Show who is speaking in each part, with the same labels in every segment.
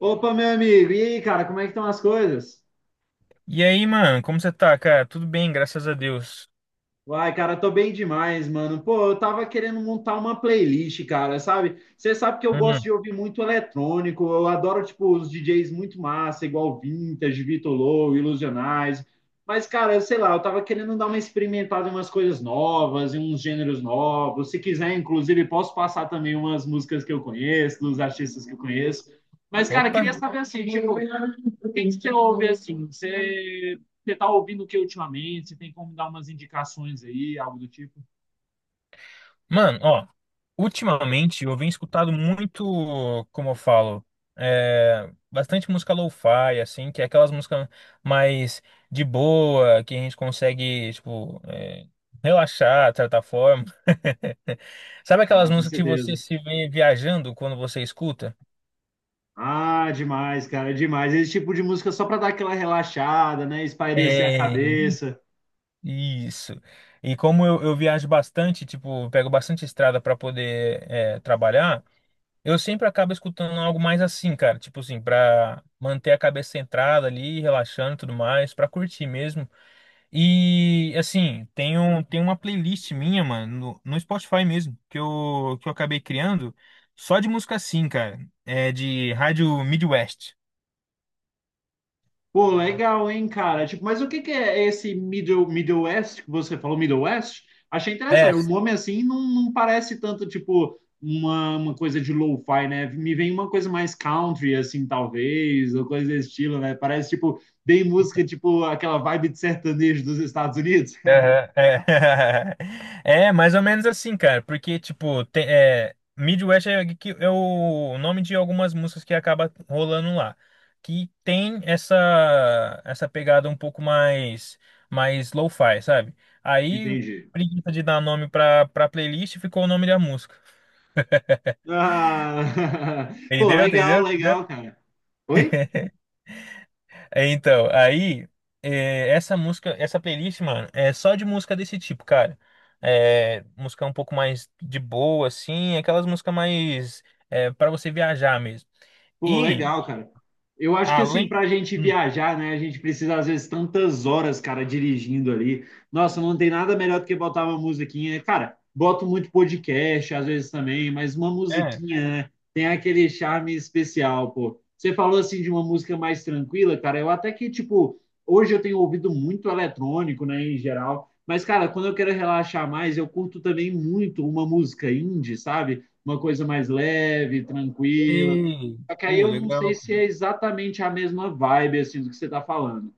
Speaker 1: Opa, meu amigo, e aí, cara, como é que estão as coisas?
Speaker 2: E aí, mano, como você tá, cara? Tudo bem, graças a Deus.
Speaker 1: Uai, cara, tô bem demais, mano. Pô, eu tava querendo montar uma playlist, cara, sabe? Você sabe que eu gosto
Speaker 2: Hum,
Speaker 1: de ouvir muito eletrônico, eu adoro, tipo, os DJs muito massa, igual Vintage, Vitor Low, Ilusionais. Mas, cara, sei lá, eu tava querendo dar uma experimentada em umas coisas novas, em uns gêneros novos. Se quiser, inclusive, posso passar também umas músicas que eu conheço, dos artistas que eu conheço. Mas, cara, queria
Speaker 2: opa.
Speaker 1: saber assim, tipo, o que que você ouve assim? Você tá ouvindo o que ultimamente? Você tem como dar umas indicações aí, algo do tipo?
Speaker 2: Mano, ó, ultimamente eu venho escutado muito, como eu falo, bastante música lo-fi, assim, que é aquelas músicas mais de boa, que a gente consegue, tipo, relaxar, de certa forma. Sabe
Speaker 1: Ah,
Speaker 2: aquelas
Speaker 1: com
Speaker 2: músicas que você
Speaker 1: certeza.
Speaker 2: se vê viajando quando você escuta?
Speaker 1: Ah, demais, cara, demais. Esse tipo de música só para dar aquela relaxada, né? Espairecer a
Speaker 2: É.
Speaker 1: cabeça.
Speaker 2: Isso. E como eu viajo bastante, tipo, eu pego bastante estrada para poder trabalhar, eu sempre acabo escutando algo mais assim, cara, tipo assim, para manter a cabeça centrada ali, relaxando e tudo mais, para curtir mesmo. E assim, tem uma playlist minha, mano, no Spotify mesmo, que eu acabei criando só de música assim, cara, é de rádio Midwest.
Speaker 1: Pô, legal, hein, cara? Tipo, mas o que que é esse Middle West que você falou, Middle West? Achei
Speaker 2: É.
Speaker 1: interessante. O nome assim não, não parece tanto, tipo, uma coisa de lo-fi, né? Me vem uma coisa mais country, assim, talvez, ou coisa desse estilo, né? Parece, tipo, bem música, tipo, aquela vibe de sertanejo dos Estados Unidos.
Speaker 2: Aham. É. É, mais ou menos assim, cara, porque, tipo, Midwest é o nome de algumas músicas que acaba rolando lá, que tem essa pegada um pouco mais lo-fi, sabe? Aí,
Speaker 1: Entendi.
Speaker 2: preguiça de dar nome pra playlist, ficou o nome da música.
Speaker 1: Ah, pô,
Speaker 2: Entendeu?
Speaker 1: legal,
Speaker 2: Entendeu?
Speaker 1: legal,
Speaker 2: Entendeu?
Speaker 1: cara. Oi?
Speaker 2: É. Então, aí, essa música, essa playlist, mano, é só de música desse tipo, cara. É, música um pouco mais de boa, assim, aquelas músicas mais, para você viajar mesmo.
Speaker 1: Pô,
Speaker 2: E,
Speaker 1: legal, cara. Eu acho que assim,
Speaker 2: além.
Speaker 1: pra gente
Speaker 2: Hum.
Speaker 1: viajar, né, a gente precisa às vezes tantas horas, cara, dirigindo ali. Nossa, não tem nada melhor do que botar uma musiquinha. Cara, boto muito podcast às vezes também, mas uma
Speaker 2: É.
Speaker 1: musiquinha, né, tem aquele charme especial, pô. Você falou assim de uma música mais tranquila, cara. Eu até que, tipo, hoje eu tenho ouvido muito eletrônico, né, em geral. Mas, cara, quando eu quero relaxar mais, eu curto também muito uma música indie, sabe? Uma coisa mais leve, tranquila.
Speaker 2: E.
Speaker 1: Só que aí
Speaker 2: Pô,
Speaker 1: eu não sei
Speaker 2: legal.
Speaker 1: se é exatamente a mesma vibe assim do que você tá falando.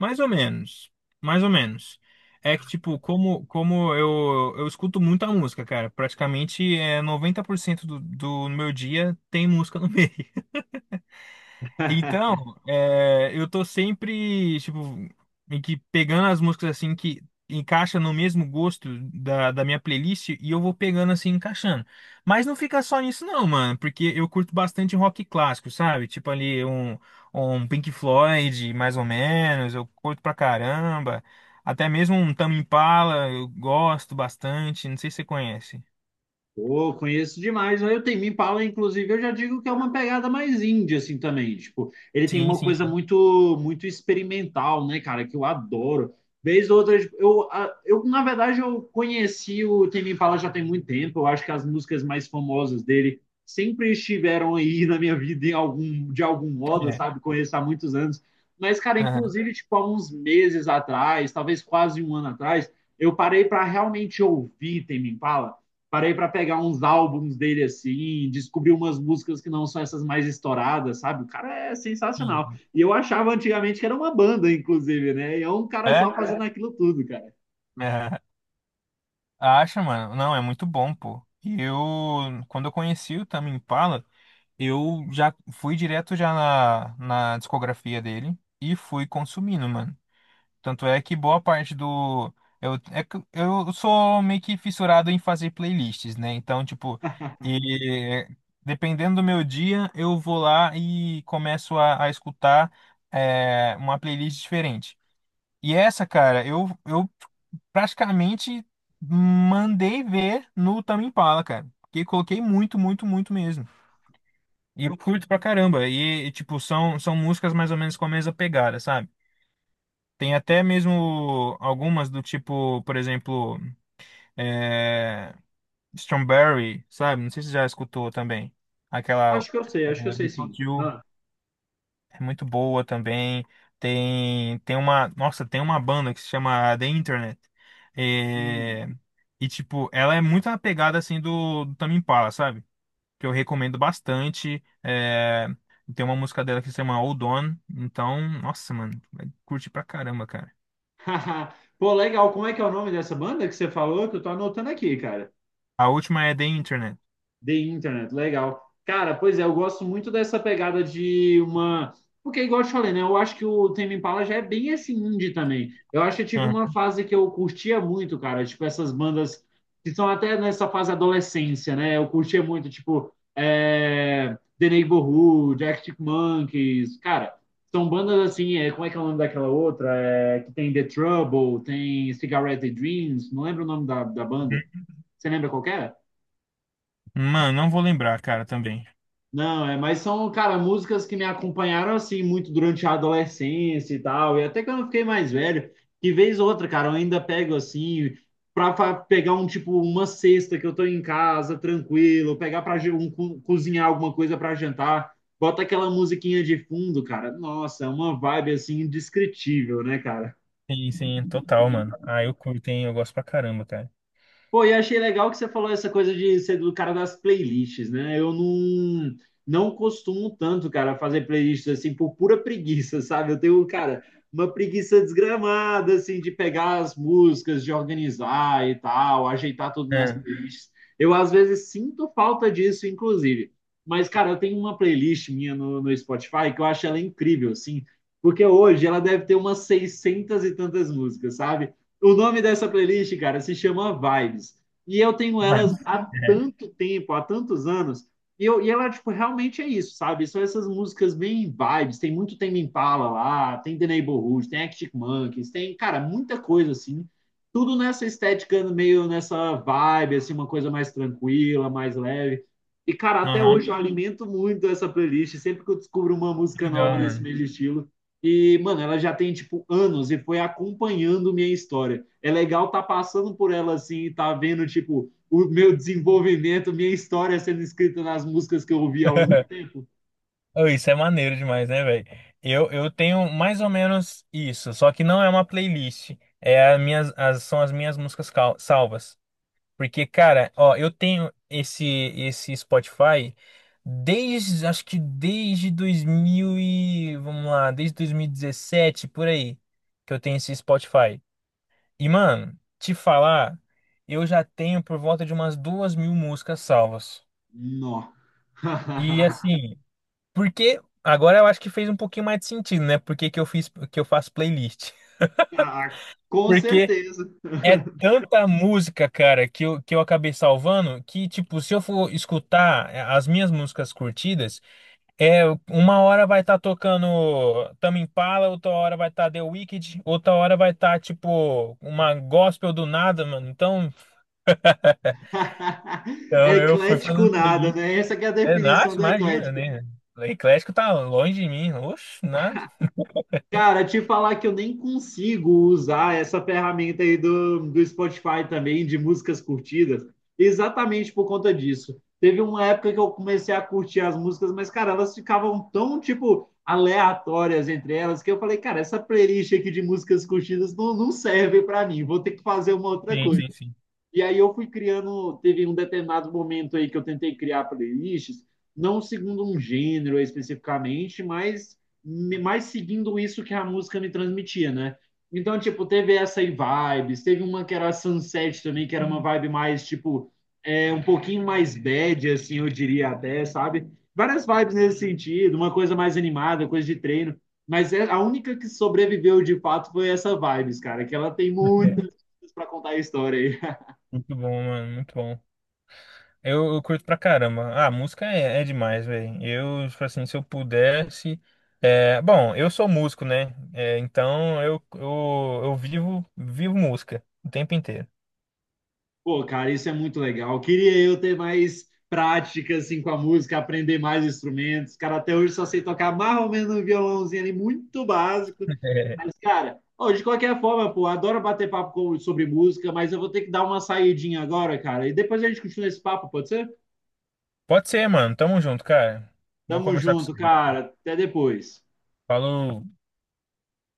Speaker 2: Mais ou menos. Mais ou menos. É que, tipo, como eu escuto muita música, cara. Praticamente 90% do meu dia tem música no meio. Então, eu tô sempre, tipo, meio que pegando as músicas assim que encaixa no mesmo gosto da minha playlist e eu vou pegando assim, encaixando. Mas não fica só nisso não, mano, porque eu curto bastante rock clássico, sabe? Tipo ali um Pink Floyd, mais ou menos, eu curto pra caramba. Até mesmo um Tame Impala, eu gosto bastante, não sei se você conhece.
Speaker 1: Pô, conheço demais. Aí o Tem Me Impala, inclusive, eu já digo que é uma pegada mais indie, assim, também. Tipo, ele tem
Speaker 2: Sim,
Speaker 1: uma
Speaker 2: sim,
Speaker 1: coisa
Speaker 2: sim.
Speaker 1: muito muito experimental, né, cara, que eu adoro. Vez ou outra, tipo, na verdade, eu conheci o Tem Me Impala já tem muito tempo. Eu acho que as músicas mais famosas dele sempre estiveram aí na minha vida em algum, de algum modo,
Speaker 2: É.
Speaker 1: sabe? Conheço há muitos anos. Mas, cara,
Speaker 2: Aham.
Speaker 1: inclusive, tipo, há uns meses atrás, talvez quase um ano atrás, eu parei para realmente ouvir Tame Impala. Parei para pegar uns álbuns dele assim, descobri umas músicas que não são essas mais estouradas, sabe? O cara é
Speaker 2: Sim,
Speaker 1: sensacional.
Speaker 2: sim.
Speaker 1: E eu achava antigamente que era uma banda, inclusive, né? E é um cara
Speaker 2: É?
Speaker 1: só fazendo aquilo tudo, cara.
Speaker 2: É. Acha, mano? Não, é muito bom, pô. E eu, quando eu conheci o Tame Impala, eu já fui direto já na discografia dele e fui consumindo, mano. Tanto é que boa parte do... é que eu sou meio que fissurado em fazer playlists, né? Então, tipo, e, dependendo do meu dia, eu vou lá e começo a escutar uma playlist diferente. E essa, cara, eu praticamente mandei ver no Tame Impala, cara. Porque coloquei muito, muito, muito mesmo. E eu curto pra caramba. Tipo, são músicas mais ou menos com a mesma pegada, sabe? Tem até mesmo algumas do tipo, por exemplo, é, Strawberry, sabe? Não sei se você já escutou também. Aquela
Speaker 1: Acho que eu sei,
Speaker 2: é,
Speaker 1: acho que eu sei sim.
Speaker 2: Without You
Speaker 1: Ah.
Speaker 2: é muito boa também. Tem uma banda que se chama The Internet.
Speaker 1: Hum.
Speaker 2: É. E, tipo, ela é muito na pegada, assim, do Tame Impala, sabe? Que eu recomendo bastante. Tem uma música dela que se chama Hold On. Então, nossa, mano, vai curtir pra caramba, cara.
Speaker 1: Pô, legal. Como é que é o nome dessa banda que você falou? Que eu tô anotando aqui, cara.
Speaker 2: A última é The Internet.
Speaker 1: The Internet, legal. Cara, pois é, eu gosto muito dessa pegada de uma. Porque, igual eu te falei, né? Eu acho que o Tame Impala já é bem esse indie também. Eu acho que eu tive uma
Speaker 2: Uhum.
Speaker 1: fase que eu curtia muito, cara. Tipo, essas bandas que são até nessa fase adolescência, né? Eu curtia muito, tipo, é... The Neighborhood, Arctic Monkeys. Cara, são bandas assim, é... como é que é o nome daquela outra? É... Que tem The Trouble, tem Cigarette Dreams, não lembro o nome da, da banda. Você lembra qual que era?
Speaker 2: Mano, não vou lembrar, cara, também.
Speaker 1: Não, é, mas são, cara, músicas que me acompanharam assim muito durante a adolescência e tal, e até que eu não fiquei mais velho, que vez ou outra, cara, eu ainda pego assim pegar um tipo uma cesta que eu tô em casa, tranquilo, pegar para um, cozinhar alguma coisa pra jantar, bota aquela musiquinha de fundo, cara. Nossa, é uma vibe assim indescritível, né, cara?
Speaker 2: Sim, sim, total, mano. Ah, eu curto, hein? Eu gosto pra caramba, cara.
Speaker 1: Pô, e achei legal que você falou essa coisa de ser do cara das playlists, né? Eu não, não costumo tanto, cara, fazer playlists assim por pura preguiça, sabe? Eu tenho, cara, uma preguiça desgramada, assim, de pegar as músicas, de organizar e tal, ajeitar tudo nas
Speaker 2: É.
Speaker 1: playlists. Eu, às vezes, sinto falta disso, inclusive. Mas, cara, eu tenho uma playlist minha no Spotify que eu acho ela incrível, assim, porque hoje ela deve ter umas 600 e tantas músicas, sabe? O nome dessa playlist, cara, se chama Vibes. E eu tenho elas
Speaker 2: Mas,
Speaker 1: há
Speaker 2: é.
Speaker 1: tanto tempo, há tantos anos. E ela, tipo, realmente é isso, sabe? São essas músicas bem vibes. Tem muito Tame Impala lá, tem The Neighborhood, tem Arctic Monkeys, tem, cara, muita coisa, assim. Tudo nessa estética, meio nessa vibe, assim, uma coisa mais tranquila, mais leve. E, cara, até
Speaker 2: Aham.
Speaker 1: hoje eu alimento muito essa playlist. Sempre que eu descubro uma música
Speaker 2: Legal,
Speaker 1: nova nesse
Speaker 2: mano.
Speaker 1: mesmo estilo, e, mano, ela já tem, tipo, anos e foi acompanhando minha história. É legal tá passando por ela, assim, e tá vendo, tipo, o meu desenvolvimento, minha história sendo escrita nas músicas que eu ouvi ao longo do tempo.
Speaker 2: Oh, isso é maneiro demais, né, velho? Eu tenho mais ou menos isso, só que não é uma playlist. É são as minhas músicas salvas. Porque, cara, ó, eu tenho esse Spotify desde, acho que desde 2000 e, vamos lá, desde 2017, por aí, que eu tenho esse Spotify. E, mano, te falar, eu já tenho por volta de umas 2.000 músicas salvas.
Speaker 1: Nó.
Speaker 2: E, assim... Porque agora eu acho que fez um pouquinho mais de sentido, né? Por que que eu faço playlist?
Speaker 1: Com
Speaker 2: Porque
Speaker 1: certeza.
Speaker 2: é tanta música, cara, que eu acabei salvando que, tipo, se eu for escutar as minhas músicas curtidas, é uma hora vai estar tocando Tame Impala, outra hora vai estar The Wicked, outra hora vai estar, tipo, uma gospel do nada, mano. Então, então eu fui
Speaker 1: Eclético
Speaker 2: fazendo
Speaker 1: nada,
Speaker 2: playlist.
Speaker 1: né? Essa que é a
Speaker 2: É,
Speaker 1: definição
Speaker 2: nossa,
Speaker 1: do
Speaker 2: imagina,
Speaker 1: eclético.
Speaker 2: né? Eclético tá longe de mim. Oxe, nada.
Speaker 1: Cara, te falar que eu nem consigo usar essa ferramenta aí do Spotify também, de músicas curtidas, exatamente por conta disso. Teve uma época que eu comecei a curtir as músicas, mas, cara, elas ficavam tão, tipo, aleatórias entre elas, que eu falei, cara, essa playlist aqui de músicas curtidas não, não serve para mim, vou ter que fazer uma outra
Speaker 2: Sim,
Speaker 1: coisa.
Speaker 2: sim, sim.
Speaker 1: E aí eu fui criando, teve um determinado momento aí que eu tentei criar playlists, não segundo um gênero especificamente, mas mais seguindo isso que a música me transmitia, né? Então, tipo, teve essa aí vibes, teve uma que era Sunset também, que era uma vibe mais, tipo, um pouquinho mais bad, assim, eu diria até, sabe? Várias vibes nesse sentido, uma coisa mais animada, coisa de treino. Mas a única que sobreviveu de fato foi essa vibes, cara, que ela tem muito para contar a história aí.
Speaker 2: Muito bom, mano, muito bom. Eu curto pra caramba. Ah, música é demais, velho. Eu, tipo assim, se eu pudesse. É, bom, eu sou músico, né? É, então eu vivo música o tempo inteiro.
Speaker 1: Pô, cara, isso é muito legal. Queria eu ter mais prática assim com a música, aprender mais instrumentos. Cara, até hoje só sei tocar mais ou menos um violãozinho ali muito básico. Mas, cara, ó, de qualquer forma, pô, adoro bater papo sobre música, mas eu vou ter que dar uma saidinha agora, cara. E depois a gente continua esse papo, pode ser?
Speaker 2: Pode ser, mano. Tamo junto, cara. Vamos
Speaker 1: Tamo
Speaker 2: conversar com você.
Speaker 1: junto,
Speaker 2: mano.
Speaker 1: cara. Até depois.
Speaker 2: Falou.